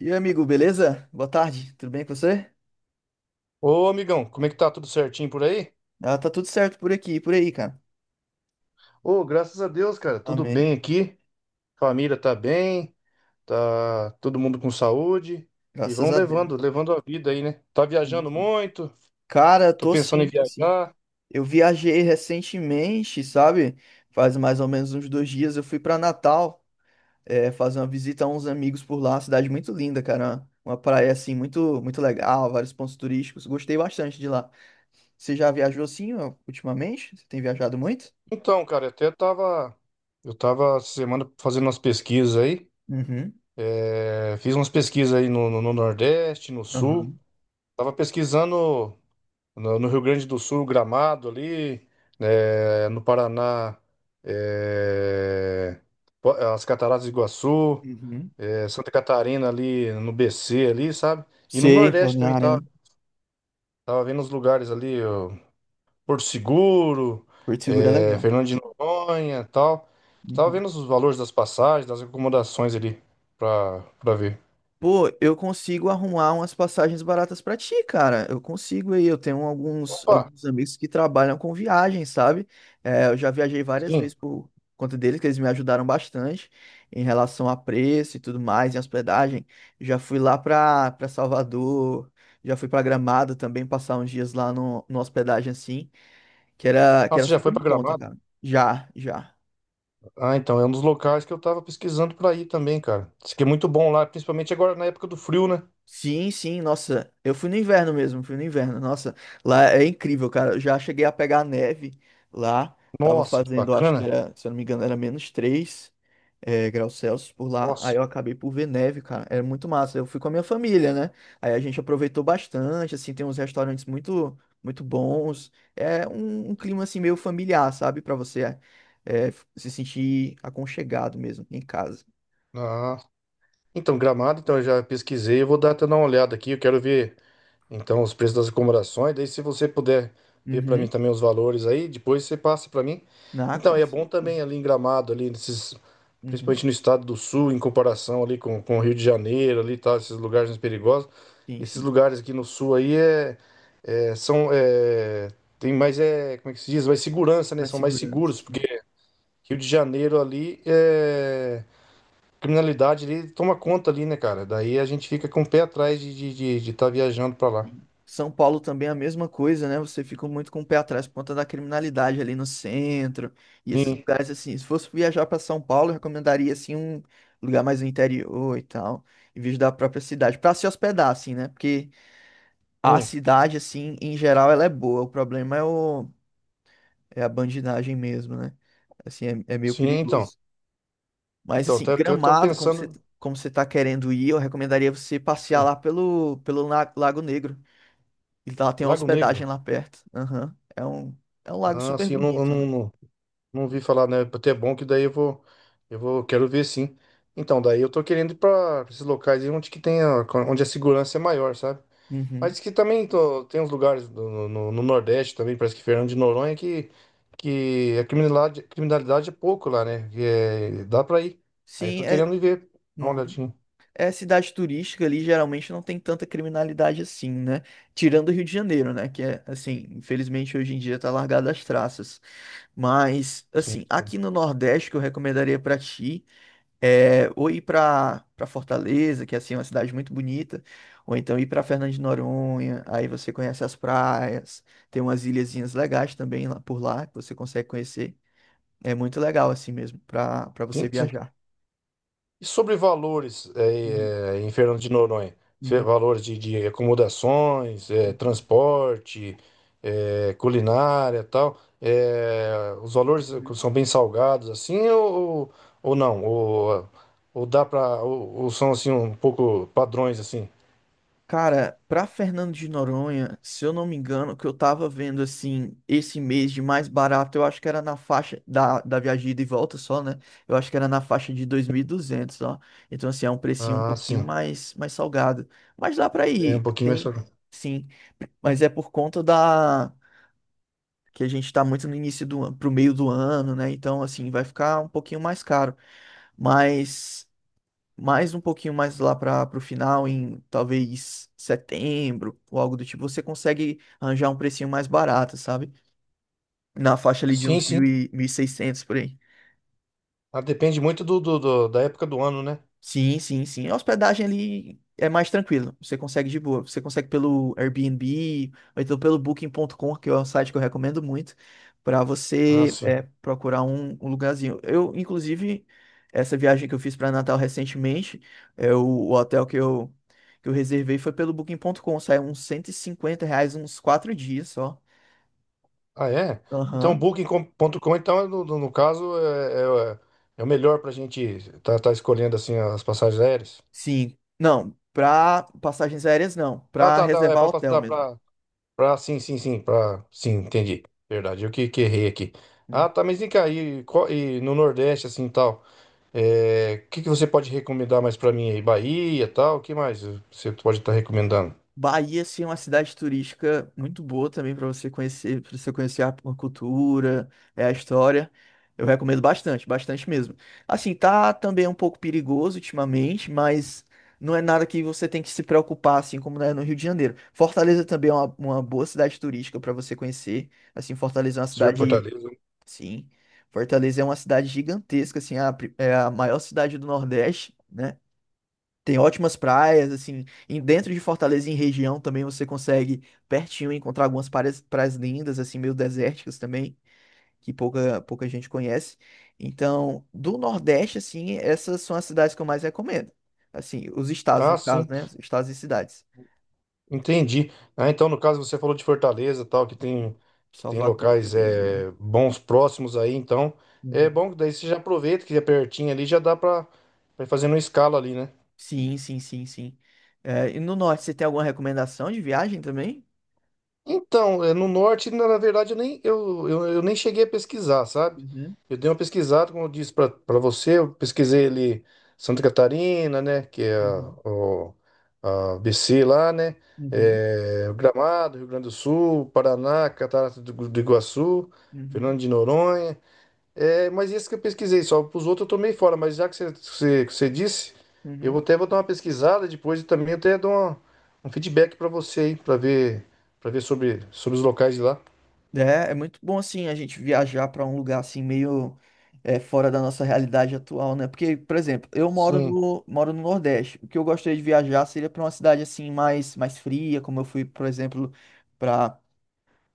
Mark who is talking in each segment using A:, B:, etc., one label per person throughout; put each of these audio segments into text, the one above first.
A: E aí, amigo, beleza? Boa tarde, tudo bem com você?
B: Ô, amigão, como é que tá? Tudo certinho por aí?
A: Ah, tá tudo certo por aqui, e por aí, cara.
B: Ô, graças a Deus, cara, tudo
A: Amém.
B: bem aqui. Família tá bem, tá todo mundo com saúde e
A: Graças
B: vão
A: a
B: levando,
A: Deus.
B: levando a vida aí, né? Tá
A: Sim,
B: viajando
A: sim.
B: muito,
A: Cara,
B: tô
A: tô
B: pensando em
A: sim, tô sim.
B: viajar.
A: Eu viajei recentemente, sabe? Faz mais ou menos uns 2 dias. Eu fui pra Natal, fazer uma visita a uns amigos por lá. Cidade muito linda, cara. Uma praia assim muito, muito legal, vários pontos turísticos. Gostei bastante de lá. Você já viajou assim, ó, ultimamente? Você tem viajado muito?
B: Então, cara, até tava, eu tava essa semana fazendo umas pesquisas aí,
A: Uhum.
B: fiz umas pesquisas aí no Nordeste, no Sul.
A: Aham.
B: Tava pesquisando no Rio Grande do Sul, Gramado ali, no Paraná, eh, as Cataratas do Iguaçu,
A: Uhum.
B: Santa Catarina ali, no BC ali, sabe? E no
A: Sei,
B: Nordeste também
A: Balneário,
B: tava,
A: né?
B: tava vendo os lugares ali, ó, Porto Seguro,
A: Porto Seguro é legal.
B: Fernando de Noronha, e tal. Tava
A: Uhum.
B: vendo os valores das passagens, das acomodações ali, pra ver.
A: Pô, eu consigo arrumar umas passagens baratas pra ti, cara. Eu consigo aí. Eu tenho alguns,
B: Opa,
A: alguns amigos que trabalham com viagem, sabe? É, eu já viajei várias
B: sim.
A: vezes por conta deles, que eles me ajudaram bastante em relação a preço e tudo mais, em hospedagem. Já fui lá pra Salvador, já fui pra Gramado também, passar uns dias lá no hospedagem assim, que era, que
B: Nossa,
A: era
B: você já foi
A: super em
B: pra
A: conta,
B: Gramado?
A: cara. Já, já.
B: Ah, então, é um dos locais que eu tava pesquisando pra ir também, cara. Diz que é muito bom lá, principalmente agora na época do frio, né?
A: Sim, sim, nossa, eu fui no inverno mesmo, fui no inverno, nossa, lá é incrível, cara, eu já cheguei a pegar neve lá, tava
B: Nossa, que
A: fazendo, acho que
B: bacana.
A: era, se eu não me engano, era menos 3 graus Celsius por lá, aí
B: Nossa.
A: eu acabei por ver neve, cara, era muito massa, eu fui com a minha família, né, aí a gente aproveitou bastante, assim, tem uns restaurantes muito, muito bons, é um clima, assim, meio familiar, sabe, pra você é, se sentir aconchegado mesmo, em casa.
B: Ah. Então, Gramado, então eu já pesquisei, eu vou dar até dar uma olhada aqui, eu quero ver. Então, os preços das acomodações, daí se você puder ver para mim
A: Uhum.
B: também os valores aí, depois você passa para mim.
A: Na
B: Então, é bom
A: consigo.
B: também ali em Gramado, ali nesses,
A: Uhum.
B: principalmente no estado do Sul, em comparação ali com o Rio de Janeiro, ali e tal, esses lugares mais perigosos.
A: Sim,
B: Esses
A: sim.
B: lugares aqui no Sul aí é, são é, tem mais é, como é que se diz? Mais segurança, né?
A: Mais
B: São mais
A: segurança,
B: seguros, porque
A: assim.
B: Rio de Janeiro ali é criminalidade ali toma conta ali, né, cara? Daí a gente fica com o pé atrás de estar de tá viajando para lá.
A: E São Paulo também é a mesma coisa, né? Você fica muito com o pé atrás por conta da criminalidade ali no centro e esses
B: Sim.
A: lugares assim. Se fosse viajar para São Paulo, eu recomendaria assim um lugar mais no interior e tal, em vez da própria cidade, para se hospedar assim, né? Porque a
B: Sim,
A: cidade assim, em geral, ela é boa. O problema é o é a bandidagem mesmo, né? Assim, é meio
B: sim, então.
A: perigoso. Mas
B: Então,
A: assim,
B: até tô
A: Gramado, como você
B: pensando.
A: como você tá querendo ir, eu recomendaria você passear
B: Sim,
A: lá pelo Lago Negro. E lá tem uma
B: Lago
A: hospedagem
B: Negro.
A: lá perto. Aham. É um lago
B: Ah,
A: super
B: sim, eu
A: bonito, né?
B: não, não, não vi falar, né? Até é bom que daí eu vou. Eu vou, quero ver sim. Então, daí eu tô querendo ir pra esses locais aí onde que tem a, onde a segurança é maior, sabe?
A: Uhum.
B: Mas que também tem uns lugares no Nordeste também, parece que Fernando de Noronha, que a criminalidade é pouco lá, né? Dá pra ir. Aí eu
A: Sim,
B: tô
A: é.
B: querendo ir ver. Dá uma
A: Uhum.
B: olhadinha.
A: É cidade turística ali, geralmente não tem tanta criminalidade assim, né? Tirando o Rio de Janeiro, né? Que é, assim, infelizmente hoje em dia tá largado as traças. Mas,
B: Sim,
A: assim, aqui no Nordeste, que eu recomendaria pra ti. É, ou ir para Fortaleza, que assim, é uma cidade muito bonita, ou então ir para Fernando de Noronha, aí você conhece as praias, tem umas ilhazinhas legais também lá por lá que você consegue conhecer. É muito legal assim mesmo para você
B: sim, sim.
A: viajar.
B: E sobre valores
A: Uhum,
B: em Fernando de Noronha?
A: uhum,
B: Valores de acomodações,
A: uhum,
B: transporte, culinária tal. Os valores
A: uhum.
B: são bem salgados ou não? Ou dá para ou são assim um pouco padrões assim?
A: Cara, pra Fernando de Noronha, se eu não me engano, o que eu tava vendo assim, esse mês de mais barato, eu acho que era na faixa da viagem de ida e volta só, né? Eu acho que era na faixa de 2.200, ó. Então, assim, é um precinho um
B: Ah,
A: pouquinho
B: sim.
A: mais salgado. Mas dá pra
B: É um
A: ir,
B: pouquinho mais
A: tem,
B: salgado.
A: sim. Mas é por conta da. Que a gente tá muito no início do ano, pro meio do ano, né? Então, assim, vai ficar um pouquinho mais caro. Mas mais um pouquinho mais lá para o final, em talvez setembro ou algo do tipo, você consegue arranjar um precinho mais barato, sabe? Na faixa ali de
B: Sim,
A: uns mil
B: sim.
A: e mil e seiscentos por aí.
B: Ah, depende muito da época do ano, né?
A: Sim, sim, sim. A hospedagem ali é mais tranquilo. Você consegue de boa. Você consegue pelo Airbnb, ou então pelo Booking.com, que é um site que eu recomendo muito, para
B: Ah,
A: você
B: sim.
A: procurar um lugarzinho. Eu, inclusive, essa viagem que eu fiz para Natal recentemente, o hotel que eu reservei foi pelo Booking.com. Saiu uns R$ 150, uns 4 dias só.
B: Ah, é? Então, o
A: Aham.
B: Booking.com, então, no caso, é o melhor para a gente estar escolhendo assim as passagens aéreas.
A: Sim. Não, para passagens aéreas não.
B: Ah,
A: Para
B: tá, é
A: reservar hotel mesmo.
B: para sim, para sim, entendi. Verdade, eu que errei aqui.
A: Uhum.
B: Ah, tá, mas vem cá, e, e no Nordeste, assim, tal, é, o que você pode recomendar mais para mim aí? Bahia, tal, o que mais você pode estar recomendando?
A: Bahia, assim, é uma cidade turística muito boa também para você conhecer a cultura, é, a história. Eu recomendo bastante, bastante mesmo. Assim, tá também um pouco perigoso ultimamente, mas não é nada que você tem que se preocupar, assim como é no Rio de Janeiro. Fortaleza também é uma boa cidade turística para você conhecer. Assim, Fortaleza é uma
B: Ser
A: cidade,
B: Fortaleza?
A: sim. Fortaleza é uma cidade gigantesca, assim, é a maior cidade do Nordeste. Né? Tem ótimas praias, assim, em dentro de Fortaleza, em região também você consegue pertinho encontrar algumas praias, praias lindas, assim, meio desérticas também, que pouca, pouca gente conhece. Então, do Nordeste, assim, essas são as cidades que eu mais recomendo. Assim, os estados,
B: Ah,
A: no caso,
B: sim.
A: né? Os Estados e cidades.
B: Entendi. Ah, então, no caso, você falou de Fortaleza, tal,
A: Uhum.
B: que tem
A: Salvador
B: locais
A: também ali.
B: é, bons próximos aí, então é
A: Uhum.
B: bom que daí você já aproveita que é pertinho ali, já dá pra, pra ir fazendo uma escala ali, né?
A: Sim, sim, sim, sim. É, e no Norte, você tem alguma recomendação de viagem também?
B: Então, é, no norte, na na verdade, eu nem cheguei a pesquisar, sabe?
A: Uhum,
B: Eu dei uma pesquisada, como eu disse pra você, eu pesquisei ali Santa Catarina, né? Que é
A: uhum,
B: o, a BC lá, né?
A: uhum,
B: É, Gramado, Rio Grande do Sul, Paraná, do Iguaçu,
A: uhum,
B: Fernando de Noronha. É, mas isso que eu pesquisei só. Para os outros eu tomei fora, mas já que que você disse, eu
A: uhum.
B: vou até vou dar uma pesquisada depois e também um feedback para você aí, para ver sobre os locais de lá.
A: É muito bom assim a gente viajar para um lugar assim meio fora da nossa realidade atual, né? Porque, por exemplo, eu moro
B: Sim,
A: no moro no Nordeste. O que eu gostaria de viajar seria para uma cidade assim mais fria, como eu fui, por exemplo, para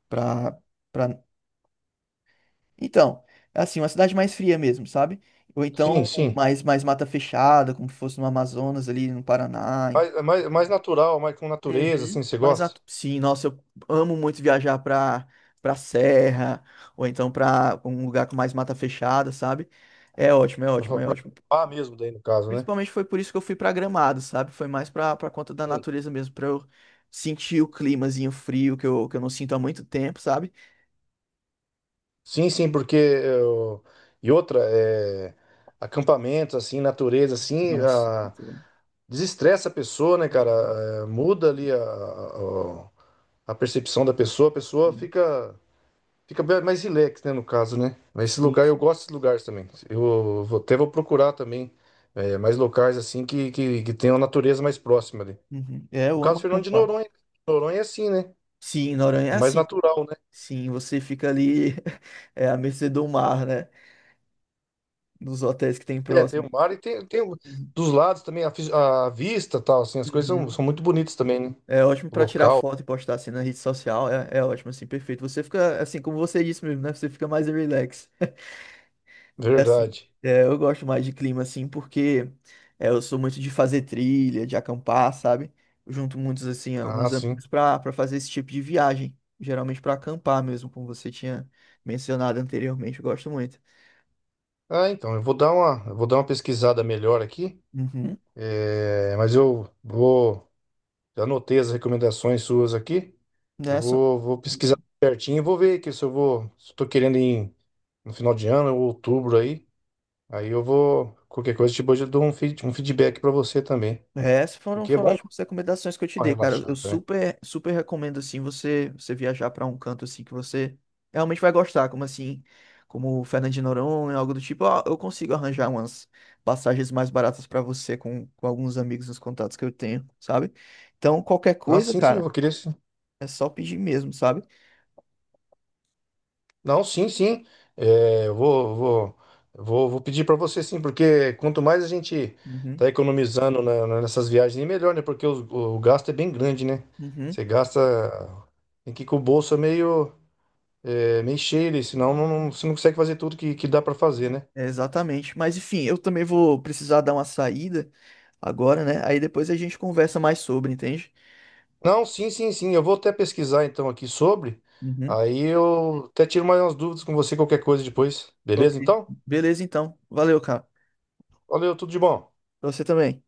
A: para para então, assim, uma cidade mais fria mesmo, sabe? Ou
B: sim,
A: então
B: sim.
A: mais mata fechada, como se fosse no Amazonas ali no Paraná.
B: Mais, mais, mais natural, mais com natureza,
A: Uhum.
B: assim, você
A: Mas
B: gosta?
A: sim, nossa, eu amo muito viajar pra serra, ou então pra um lugar com mais mata fechada, sabe? É ótimo, é
B: Para
A: ótimo, é ótimo.
B: acampar mesmo daí no caso, né?
A: Principalmente foi por isso que eu fui pra Gramado, sabe? Foi mais pra conta da
B: Sim,
A: natureza mesmo, pra eu sentir o climazinho frio que eu não sinto há muito tempo, sabe?
B: sim, sim, e outra, é, acampamentos, assim, natureza,
A: Nossa, muito bom.
B: desestressa a pessoa, né, cara?
A: Uhum.
B: É, muda ali a percepção da pessoa, a pessoa
A: Sim,
B: fica fica bem mais relax, né, no caso, né? Mas esse
A: sim,
B: lugar, eu
A: sim.
B: gosto desses lugares também. Até vou procurar também é, mais locais assim que tenham a natureza mais próxima ali.
A: Uhum. É,
B: No
A: eu amo
B: caso, Fernando de
A: acampar.
B: Noronha. Noronha é assim, né?
A: Sim, Noronha é
B: É mais
A: assim.
B: natural, né?
A: Sim, você fica ali é, à mercê do mar, né? Nos hotéis que tem
B: É, tem
A: próximo.
B: o mar e tem
A: Uhum.
B: dos lados também a, a vista tal, assim, as coisas
A: Uhum.
B: são muito bonitas também, né?
A: É ótimo
B: O
A: pra tirar
B: local,
A: foto e postar assim na rede social. É ótimo, assim, perfeito. Você fica, assim, como você disse mesmo, né? Você fica mais relax. É assim,
B: verdade.
A: é, eu gosto mais de clima, assim, porque é, eu sou muito de fazer trilha, de acampar, sabe? Eu junto muitos, assim,
B: Ah,
A: alguns
B: sim.
A: amigos para fazer esse tipo de viagem. Geralmente pra acampar mesmo, como você tinha mencionado anteriormente. Eu gosto muito.
B: Ah, então, eu vou dar uma pesquisada melhor aqui,
A: Uhum.
B: é, mas eu vou já anotei as recomendações suas aqui.
A: Né?
B: Vou pesquisar certinho e vou ver que se eu vou, se eu tô querendo ir no final de ano ou outubro aí, aí eu vou, qualquer coisa, tipo, hoje eu dou um, um feedback para você também,
A: É, essas foram,
B: porque é
A: foram
B: bom dar
A: ótimas recomendações que eu te
B: uma
A: dei, cara. Eu
B: relaxada, né?
A: super, super recomendo assim você viajar para um canto assim que você realmente vai gostar, como assim, como Fernando de Noronha, algo do tipo. Ó, eu consigo arranjar umas passagens mais baratas para você com alguns amigos nos contatos que eu tenho, sabe? Então, qualquer
B: Não,
A: coisa,
B: sim, sim, eu
A: cara,
B: vou querer sim.
A: é só pedir mesmo, sabe?
B: Não, sim, sim. É, eu vou, vou, vou, vou pedir para você sim, porque quanto mais a gente
A: Uhum,
B: tá economizando nessas viagens, melhor, né? Porque o gasto é bem grande, né?
A: uhum,
B: Você gasta, tem que ir com o bolso meio é, mexer ele, senão você não consegue fazer tudo que dá para fazer, né?
A: é exatamente. Mas enfim, eu também vou precisar dar uma saída agora, né? Aí depois a gente conversa mais sobre, entende?
B: Não, sim, sim, sim. Eu vou até pesquisar então aqui sobre.
A: Uhum.
B: Aí eu até tiro mais umas dúvidas com você, qualquer coisa depois.
A: Ok.
B: Beleza, então?
A: Beleza, então. Valeu, cara.
B: Valeu, tudo de bom.
A: Pra você também.